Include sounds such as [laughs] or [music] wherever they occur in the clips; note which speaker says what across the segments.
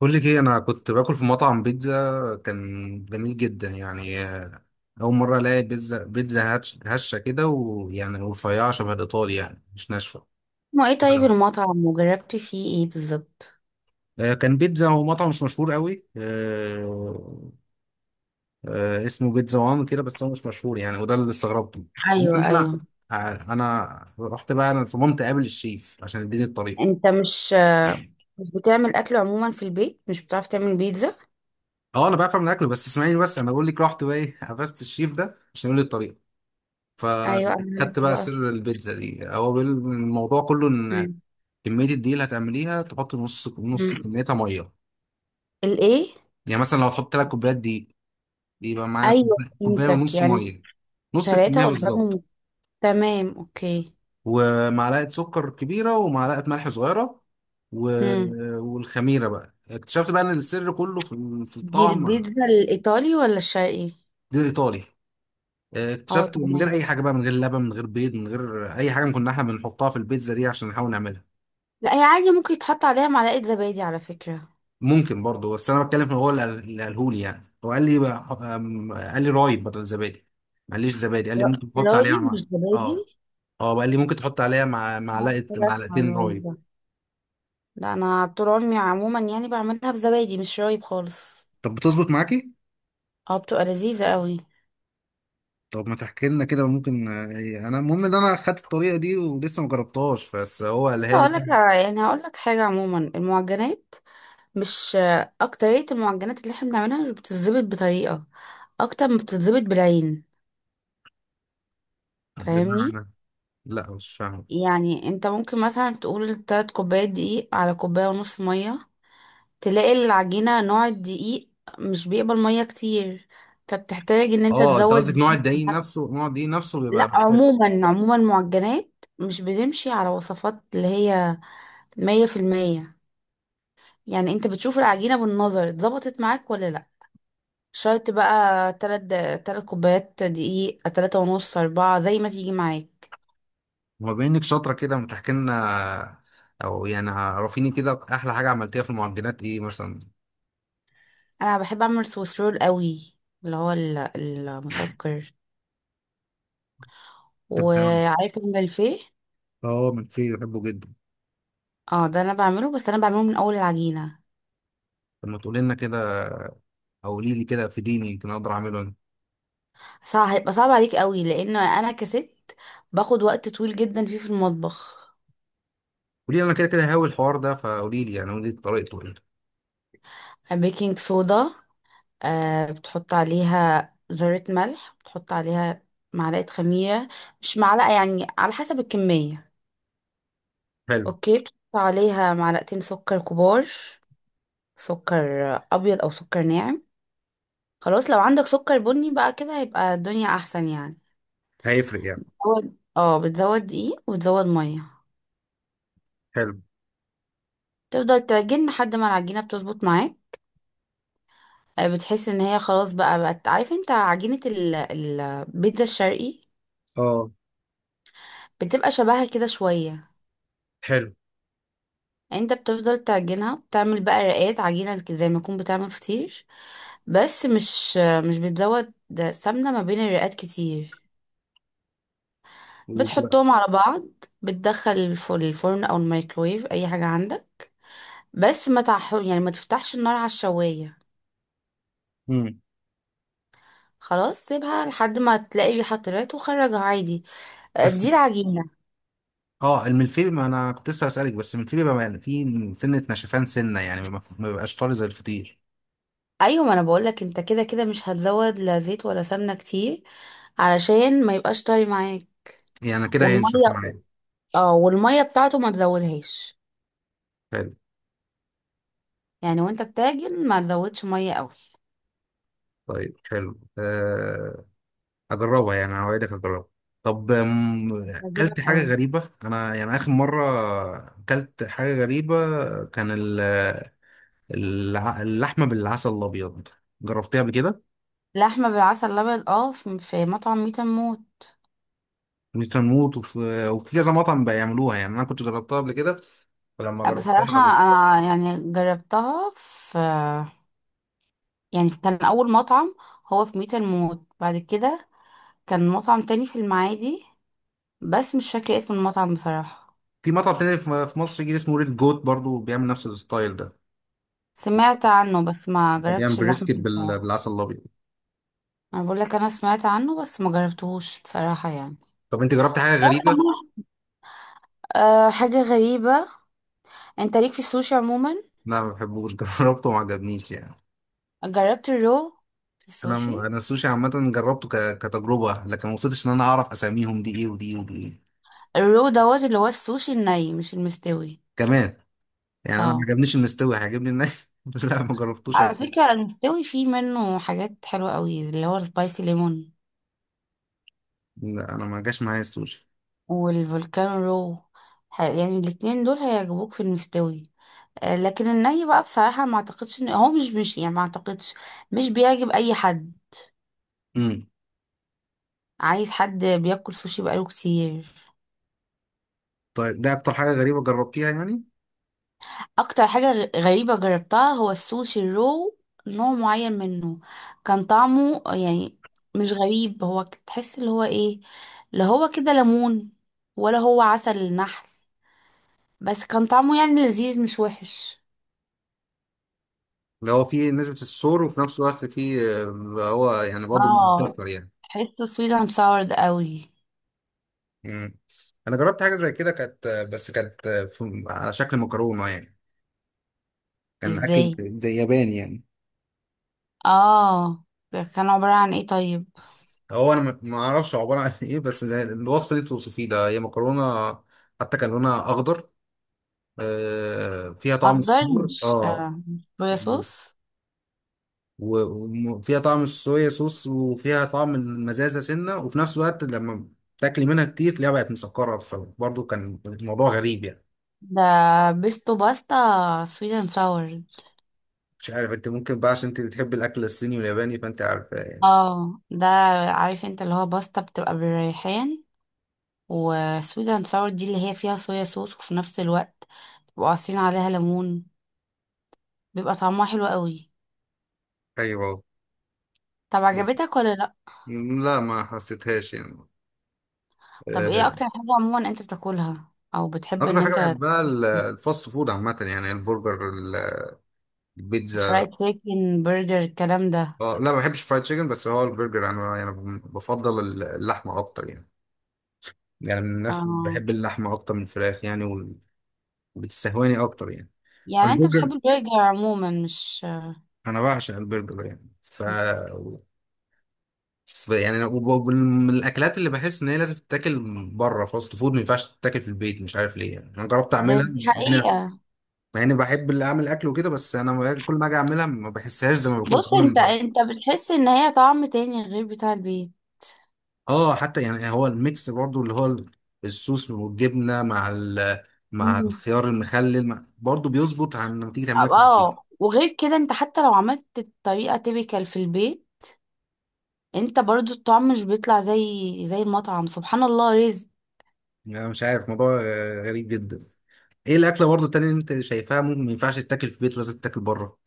Speaker 1: بقول لك ايه، انا كنت باكل في مطعم بيتزا، كان جميل جدا يعني. اول مره الاقي بيتزا بيتزا هشه كده، ويعني رفيعه شبه الايطالي، يعني مش ناشفه.
Speaker 2: ما ايه؟ طيب،
Speaker 1: آه.
Speaker 2: المطعم وجربتي فيه ايه بالظبط؟
Speaker 1: كان بيتزا هو مطعم مش مشهور قوي. اسمه بيتزا وان كده، بس هو مش مشهور يعني، وده اللي استغربته. المهم
Speaker 2: ايوه،
Speaker 1: ان انا
Speaker 2: ايوه.
Speaker 1: آه، انا رحت بقى، انا صممت اقابل الشيف عشان يديني الطريق.
Speaker 2: انت مش بتعمل اكل عموما في البيت؟ مش بتعرف تعمل بيتزا؟
Speaker 1: اه، انا بعرف اعمل اكل، بس اسمعيني، بس انا بقول لك، رحت بقى ايه، قفزت الشيف ده عشان يقول لي الطريق.
Speaker 2: ايوه انا عرفت
Speaker 1: فخدت بقى
Speaker 2: بقى.
Speaker 1: سر البيتزا دي، هو الموضوع كله ان
Speaker 2: مم.
Speaker 1: كميه الدقيق اللي هتعمليها تحط نص نص،
Speaker 2: مم.
Speaker 1: كميتها ميه.
Speaker 2: الايه؟
Speaker 1: يعني مثلا لو هتحط 3 كوبايات دقيق، يبقى معايا
Speaker 2: ايوه
Speaker 1: كوبايه
Speaker 2: فهمتك
Speaker 1: ونص
Speaker 2: يعني.
Speaker 1: ميه، نص
Speaker 2: ثلاثة
Speaker 1: الكميه بالظبط،
Speaker 2: قدامهم. تمام، اوكي.
Speaker 1: ومعلقه سكر كبيره ومعلقه ملح صغيره. و...
Speaker 2: هم.
Speaker 1: والخميره بقى اكتشفت بقى ان السر كله في
Speaker 2: دي
Speaker 1: الطعم.
Speaker 2: البيتزا الايطالي ولا الشرقي؟
Speaker 1: دي الايطالي.
Speaker 2: اه
Speaker 1: اكتشفت من غير
Speaker 2: تمام.
Speaker 1: اي حاجه بقى، من غير لبن، من غير بيض، من غير اي حاجه كنا احنا بنحطها في البيتزا دي عشان نحاول نعملها.
Speaker 2: لا، هي عادي، ممكن يتحط عليها معلقة زبادي على فكرة.
Speaker 1: ممكن برضه، بس انا بتكلم في هو اللي اللي قاله لي، يعني هو قال لي رايب بدل زبادي، ما قاليش زبادي، قال لي
Speaker 2: لا،
Speaker 1: ممكن تحط عليها
Speaker 2: رايب مش
Speaker 1: مع. اه.
Speaker 2: زبادي.
Speaker 1: اه، قال لي ممكن تحط عليها مع
Speaker 2: اه
Speaker 1: معلقه
Speaker 2: كده اسمها
Speaker 1: معلقتين رايب.
Speaker 2: رايب. لا انا طول عمري عموما يعني بعملها بزبادي مش رايب خالص.
Speaker 1: طب بتظبط معاكي؟
Speaker 2: اه، بتبقى لذيذة قوي.
Speaker 1: طب ما تحكي لنا كده، ممكن. آه، انا المهم ان انا خدت الطريقه دي ولسه ما جربتهاش، بس هو قالها
Speaker 2: هقول لك،
Speaker 1: لي.
Speaker 2: يعني هقول لك حاجة، عموما المعجنات مش اكترية المعجنات اللي احنا بنعملها مش بتتظبط بطريقة، اكتر ما بتتظبط بالعين. فاهمني؟
Speaker 1: بمعنى؟ لا، مش فاهم.
Speaker 2: يعني انت ممكن مثلا تقول تلات كوبايات دقيق على كوباية ونص مية، تلاقي العجينة، نوع الدقيق مش بيقبل مية كتير، فبتحتاج ان انت
Speaker 1: اه، انت قصدك
Speaker 2: تزود.
Speaker 1: نوع الدقيق نفسه، نوع الدقيق نفسه
Speaker 2: لا
Speaker 1: بيبقى.
Speaker 2: عموما عموما، معجنات مش بتمشي على وصفات اللي هي مية في المية. يعني انت بتشوف العجينة بالنظر اتظبطت معاك ولا لا. شرط بقى تلات كوبايات دقيق، تلاتة ونص، أربعة، زي ما تيجي معاك.
Speaker 1: هو بما انك شاطره كده، ما تحكي لنا، او يعني عرفيني كده احلى حاجه عملتيها في المعجنات ايه مثلا.
Speaker 2: أنا بحب أعمل سويس رول قوي، اللي هو المسكر،
Speaker 1: كنت بتعمل-
Speaker 2: وعارف الملفيه.
Speaker 1: اه، ملفيه بحبه جدا.
Speaker 2: اه ده أنا بعمله، بس أنا بعمله من أول العجينة.
Speaker 1: طب ما تقولي لنا كده، او قولي لي كده في ديني يمكن اقدر اعمله انا.
Speaker 2: صعب، هيبقى صعب عليك قوي لأن أنا كست، باخد وقت طويل جدا فيه في المطبخ.
Speaker 1: قولي لي انا كده كده، هاوي الحوار ده، فقولي لي يعني قولي لي طريقته ايه.
Speaker 2: بيكنج صودا. بتحط عليها ذرة ملح، بتحط عليها معلقة خميرة، مش معلقة يعني، على حسب الكمية.
Speaker 1: حلو.
Speaker 2: اوكي بتحط عليها معلقتين سكر كبار، سكر أبيض أو سكر ناعم. خلاص لو عندك سكر بني بقى كده هيبقى الدنيا أحسن يعني.
Speaker 1: هيفرق يعني؟
Speaker 2: أول- اه، بتزود دقيق وتزود مية.
Speaker 1: حلو.
Speaker 2: تفضل تعجن لحد ما العجينة بتظبط معاك. بتحس ان هي خلاص بقى بقت، عارف انت عجينة البيتزا الشرقي؟
Speaker 1: اه.
Speaker 2: بتبقى شبهها كده شوية.
Speaker 1: حلو.
Speaker 2: يعني انت بتفضل تعجنها، بتعمل بقى رقات عجينة كده زي ما تكون بتعمل فطير، بس مش بتزود سمنة ما بين الرقات كتير،
Speaker 1: وب-
Speaker 2: بتحطهم على بعض. بتدخل الفرن او الميكرويف، اي حاجة عندك، بس ما تح... يعني ما تفتحش النار على الشواية.
Speaker 1: مم.
Speaker 2: خلاص سيبها لحد ما تلاقي ريحة طلعت وخرجها عادي. اه،
Speaker 1: بس.
Speaker 2: دي العجينة.
Speaker 1: اه، الملفيه، ما انا كنت لسه هسألك، بس الملفيه بيبقى فيه سنه نشفان سنه يعني ما بيبقاش طري زي الفطير.
Speaker 2: ايوه، ما انا بقولك، انت كده كده مش هتزود لا زيت ولا سمنة كتير علشان ما يبقاش طري معاك.
Speaker 1: يعني كده هينشف
Speaker 2: والمية،
Speaker 1: معايا.
Speaker 2: اه والميه بتاعته ما تزودهاش،
Speaker 1: حلو.
Speaker 2: يعني وانت بتعجن ما تزودش ميه قوي.
Speaker 1: طيب، حلو، أه. هجربها يعني، هوعدك هجربها. طب، اكلت
Speaker 2: هتعجبك
Speaker 1: حاجة
Speaker 2: قوي.
Speaker 1: غريبة انا يعني اخر مرة، اكلت حاجة غريبة. كان ال- اللحمة بالعسل الابيض، جربتها قبل كده،
Speaker 2: لحمه بالعسل الابيض؟ اه، في مطعم ميت موت.
Speaker 1: وكنوت، وفي كذا مطعم بيعملوها يعني، انا كنت جربتها قبل كده، فلما جربتها
Speaker 2: بصراحه،
Speaker 1: جربت.
Speaker 2: انا يعني جربتها في، يعني كان اول مطعم هو في ميت موت. بعد كده كان مطعم تاني في المعادي، بس مش فاكره اسم المطعم بصراحه.
Speaker 1: في مطعم تاني في مصر جديد اسمه ريد جوت برضو، بيعمل نفس الستايل ده،
Speaker 2: سمعت عنه بس ما
Speaker 1: بيعمل
Speaker 2: جربتش اللحمه
Speaker 1: بريسكت بال-
Speaker 2: بتاعه.
Speaker 1: بالعسل الابيض.
Speaker 2: انا بقول لك، انا سمعت عنه بس ما جربتهوش بصراحه يعني.
Speaker 1: طب انت جربت حاجة غريبة؟
Speaker 2: [laughs] آه، حاجة غريبة. انت ليك في السوشي عموما؟
Speaker 1: لا، ما بحبوش [laughs] جربته وما عجبنيش يعني.
Speaker 2: جربت الرو في
Speaker 1: انا
Speaker 2: السوشي؟
Speaker 1: انا السوشي عامه جربته كتجربه، لكن ما وصلتش ان انا اعرف اساميهم، دي ايه ودي ايه ودي ايه.
Speaker 2: الرو دوت، اللي هو السوشي الني مش المستوي.
Speaker 1: كمان يعني، انا ما
Speaker 2: اه،
Speaker 1: عجبنيش المستوي، هيعجبني الناي. [laughs] لا، ما جربتوش
Speaker 2: على
Speaker 1: قبل كده.
Speaker 2: فكرة المستوي فيه منه حاجات حلوة قوي، اللي هو السبايسي ليمون
Speaker 1: لا، انا ما جاش معايا السوشي.
Speaker 2: والفولكان رو. يعني الاتنين دول هيعجبوك في المستوي. آه، لكن الني بقى بصراحة ما اعتقدش ان هو، مش يعني، ما اعتقدش. مش بيعجب اي حد.
Speaker 1: امم.
Speaker 2: عايز حد بياكل سوشي بقاله كتير.
Speaker 1: طيب، ده اكتر حاجه غريبه جربتيها يعني.
Speaker 2: اكتر حاجة غريبة جربتها هو السوشي الرو، نوع معين منه. كان طعمه يعني مش غريب، هو تحس اللي هو ايه؟ لا هو كده ليمون ولا هو عسل النحل، بس كان طعمه يعني لذيذ مش وحش.
Speaker 1: اللي هو فيه نسبه الصور، وفي نفس الوقت فيه، اللي هو يعني برضه
Speaker 2: اه،
Speaker 1: مبتكر يعني.
Speaker 2: تحسه سويت اند ساور قوي.
Speaker 1: امم. انا جربت حاجه زي كده كانت، بس كانت على شكل مكرونه يعني، كان اكل
Speaker 2: ازاي؟
Speaker 1: زي ياباني يعني.
Speaker 2: اه، ده كان عبارة عن ايه طيب؟
Speaker 1: هو انا ما اعرفش عباره عن [laughs] ايه، بس زي الوصف اللي انت بتوصفيه ده، هي مكرونه، حتى كان لونها اخضر، فيها طعم
Speaker 2: اخضر،
Speaker 1: الصور،
Speaker 2: مش
Speaker 1: اه،
Speaker 2: مش صويا صوص؟
Speaker 1: وفيها طعم الصويا صوص، وفيها طعم المزازه سنه، وفي نفس الوقت لما تاكلي منها كتير تلاقيها بقت مسكره، فبرضه كان الموضوع غريب يعني.
Speaker 2: ده بيستو باستا سويت اند ساور.
Speaker 1: مش عارف، انت ممكن بقى عشان انت بتحبي الاكل الصيني والياباني، فانت عارفه يعني.
Speaker 2: اه ده، عارف انت، اللي هو باستا بتبقى بالريحان، وسويت ساور دي اللي هي فيها صويا صوص، وفي نفس الوقت بيبقوا عصرين عليها ليمون، بيبقى طعمها حلو قوي.
Speaker 1: ايوه.
Speaker 2: طب عجبتك ولا لا؟
Speaker 1: لا، ما حسيتهاش يعني.
Speaker 2: طب ايه
Speaker 1: آه،
Speaker 2: اكتر حاجة عموما انت بتاكلها او بتحب
Speaker 1: اكتر
Speaker 2: ان
Speaker 1: حاجه
Speaker 2: انت؟
Speaker 1: بحبها الفاست فود عامه، يعني البرجر،
Speaker 2: فرايد
Speaker 1: البيتزا.
Speaker 2: تشيكن، برجر، الكلام ده.
Speaker 1: اه، لا، ما بحبش فرايد تشيكن، بس هو البرجر يعني، انا يعني بفضل اللحمه اكتر يعني، يعني من الناس اللي
Speaker 2: اه،
Speaker 1: بحب اللحمه اكتر من الفراخ يعني، وبتستهواني اكتر يعني.
Speaker 2: يعني انت
Speaker 1: فالبرجر،
Speaker 2: بتحب البرجر عموما، مش؟
Speaker 1: انا بعشق البرجر يعني، يعني، من الاكلات اللي بحس ان هي لازم تتاكل بره، فاست فود ما ينفعش تتاكل في البيت، مش عارف ليه يعني. انا جربت
Speaker 2: ده
Speaker 1: اعملها،
Speaker 2: دي
Speaker 1: مع اني
Speaker 2: حقيقة.
Speaker 1: مع إني بحب اللي اعمل اكل وكده، بس انا كل ما اجي اعملها ما بحسهاش زي ما باكل
Speaker 2: بص،
Speaker 1: من
Speaker 2: انت
Speaker 1: بره.
Speaker 2: بتحس ان هي طعم تاني غير بتاع البيت.
Speaker 1: اه، حتى يعني هو الميكس برضو، اللي هو الصوص والجبنه مع الخيار المخلل، مع برضو بيظبط عن لما تيجي تعمليها في البيت.
Speaker 2: اه، وغير كده، انت حتى لو عملت الطريقة تيبيكال في البيت، انت برضو الطعم مش بيطلع زي المطعم. سبحان الله رزق.
Speaker 1: يعني انا مش عارف، موضوع، غريب جدا. ايه الاكله برضو التانية اللي انت شايفاها ممكن ما ينفعش تتاكل في البيت، لازم تتاكل بره؟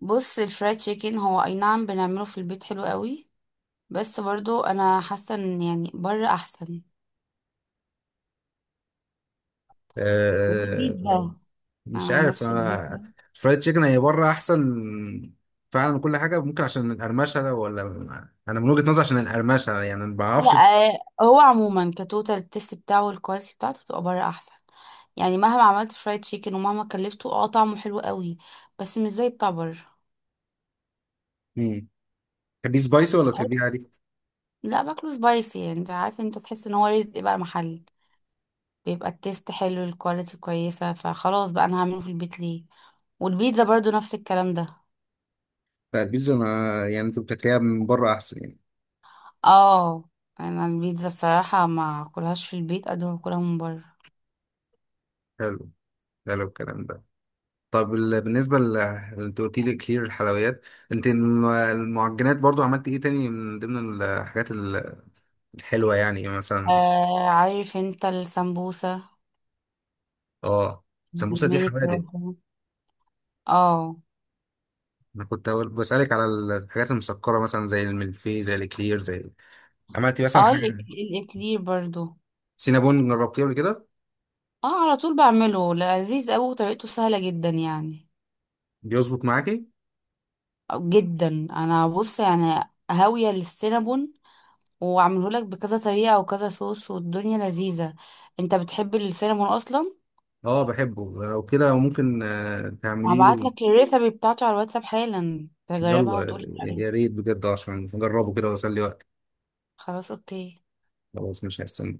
Speaker 2: بص الفرايد تشيكن، هو اي نعم بنعمله في البيت حلو قوي، بس برضو انا حاسة ان يعني بره احسن.
Speaker 1: آه.
Speaker 2: والبيتزا. انا
Speaker 1: مش
Speaker 2: عن
Speaker 1: عارف
Speaker 2: نفسي
Speaker 1: انا،
Speaker 2: البيتزا،
Speaker 1: فرايد تشيكن هي بره احسن فعلا من كل حاجه، ممكن عشان القرمشه، ولا انا من وجهه نظري عشان القرمشه يعني، ما
Speaker 2: لا،
Speaker 1: بعرفش.
Speaker 2: آه، هو عموما كتوتال التست بتاعه والكواليتي بتاعته بتبقى بره احسن. يعني مهما عملت فرايد تشيكن ومهما كلفته، اه، طعمه حلو قوي، بس مش زي بتاع بره.
Speaker 1: مم. تحبيه سبايسي ولا تحبيه عادي؟
Speaker 2: لا، باكله سبايسي. يعني انت عارف، انت تحس ان هو رزق بقى محل، بيبقى التيست حلو، الكواليتي كويسة، فخلاص بقى انا هعمله في البيت ليه؟ والبيتزا برضو نفس الكلام ده.
Speaker 1: لا، البيتزا، ما يعني انت بتاكلها من بره احسن يعني.
Speaker 2: اه، انا البيتزا بصراحة ما اكلهاش في البيت قد ما باكلها من بره.
Speaker 1: حلو. حلو الكلام ده. طب، ال- بالنسبه ل انت قلت لي كتير الحلويات، انت المعجنات برضو، عملت ايه تاني من ضمن الحاجات الحلوه يعني، مثلا.
Speaker 2: آه، عارف انت السمبوسة؟
Speaker 1: اه، سمبوسه دي
Speaker 2: الميني
Speaker 1: حوادق،
Speaker 2: كروffon. اه.
Speaker 1: انا كنت بسالك على الحاجات المسكره مثلا، زي الملفي، زي الكلير، زي، عملتي مثلا
Speaker 2: اه
Speaker 1: حاجه؟
Speaker 2: الاكلير برضو.
Speaker 1: سينابون جربتيه قبل كده؟
Speaker 2: اه على طول بعمله لذيذ قوي وطريقته سهلة جدا يعني.
Speaker 1: بيظبط معاكي؟
Speaker 2: جدا انا، بص يعني، هاوية للسينابون، وعملهولك بكذا طريقة وكذا صوص والدنيا لذيذة. انت بتحب السينامون اصلا؟
Speaker 1: اه، بحبه، لو كده ممكن، تعمليه.
Speaker 2: هبعتلك الريسبي بتاعته على الواتساب حالا تجربها
Speaker 1: يلا،
Speaker 2: وتقولي رأيك.
Speaker 1: يا ريت بجد، عشان نجربه كده واسلي وقت.
Speaker 2: خلاص، اوكي.
Speaker 1: خلاص مش هستنى.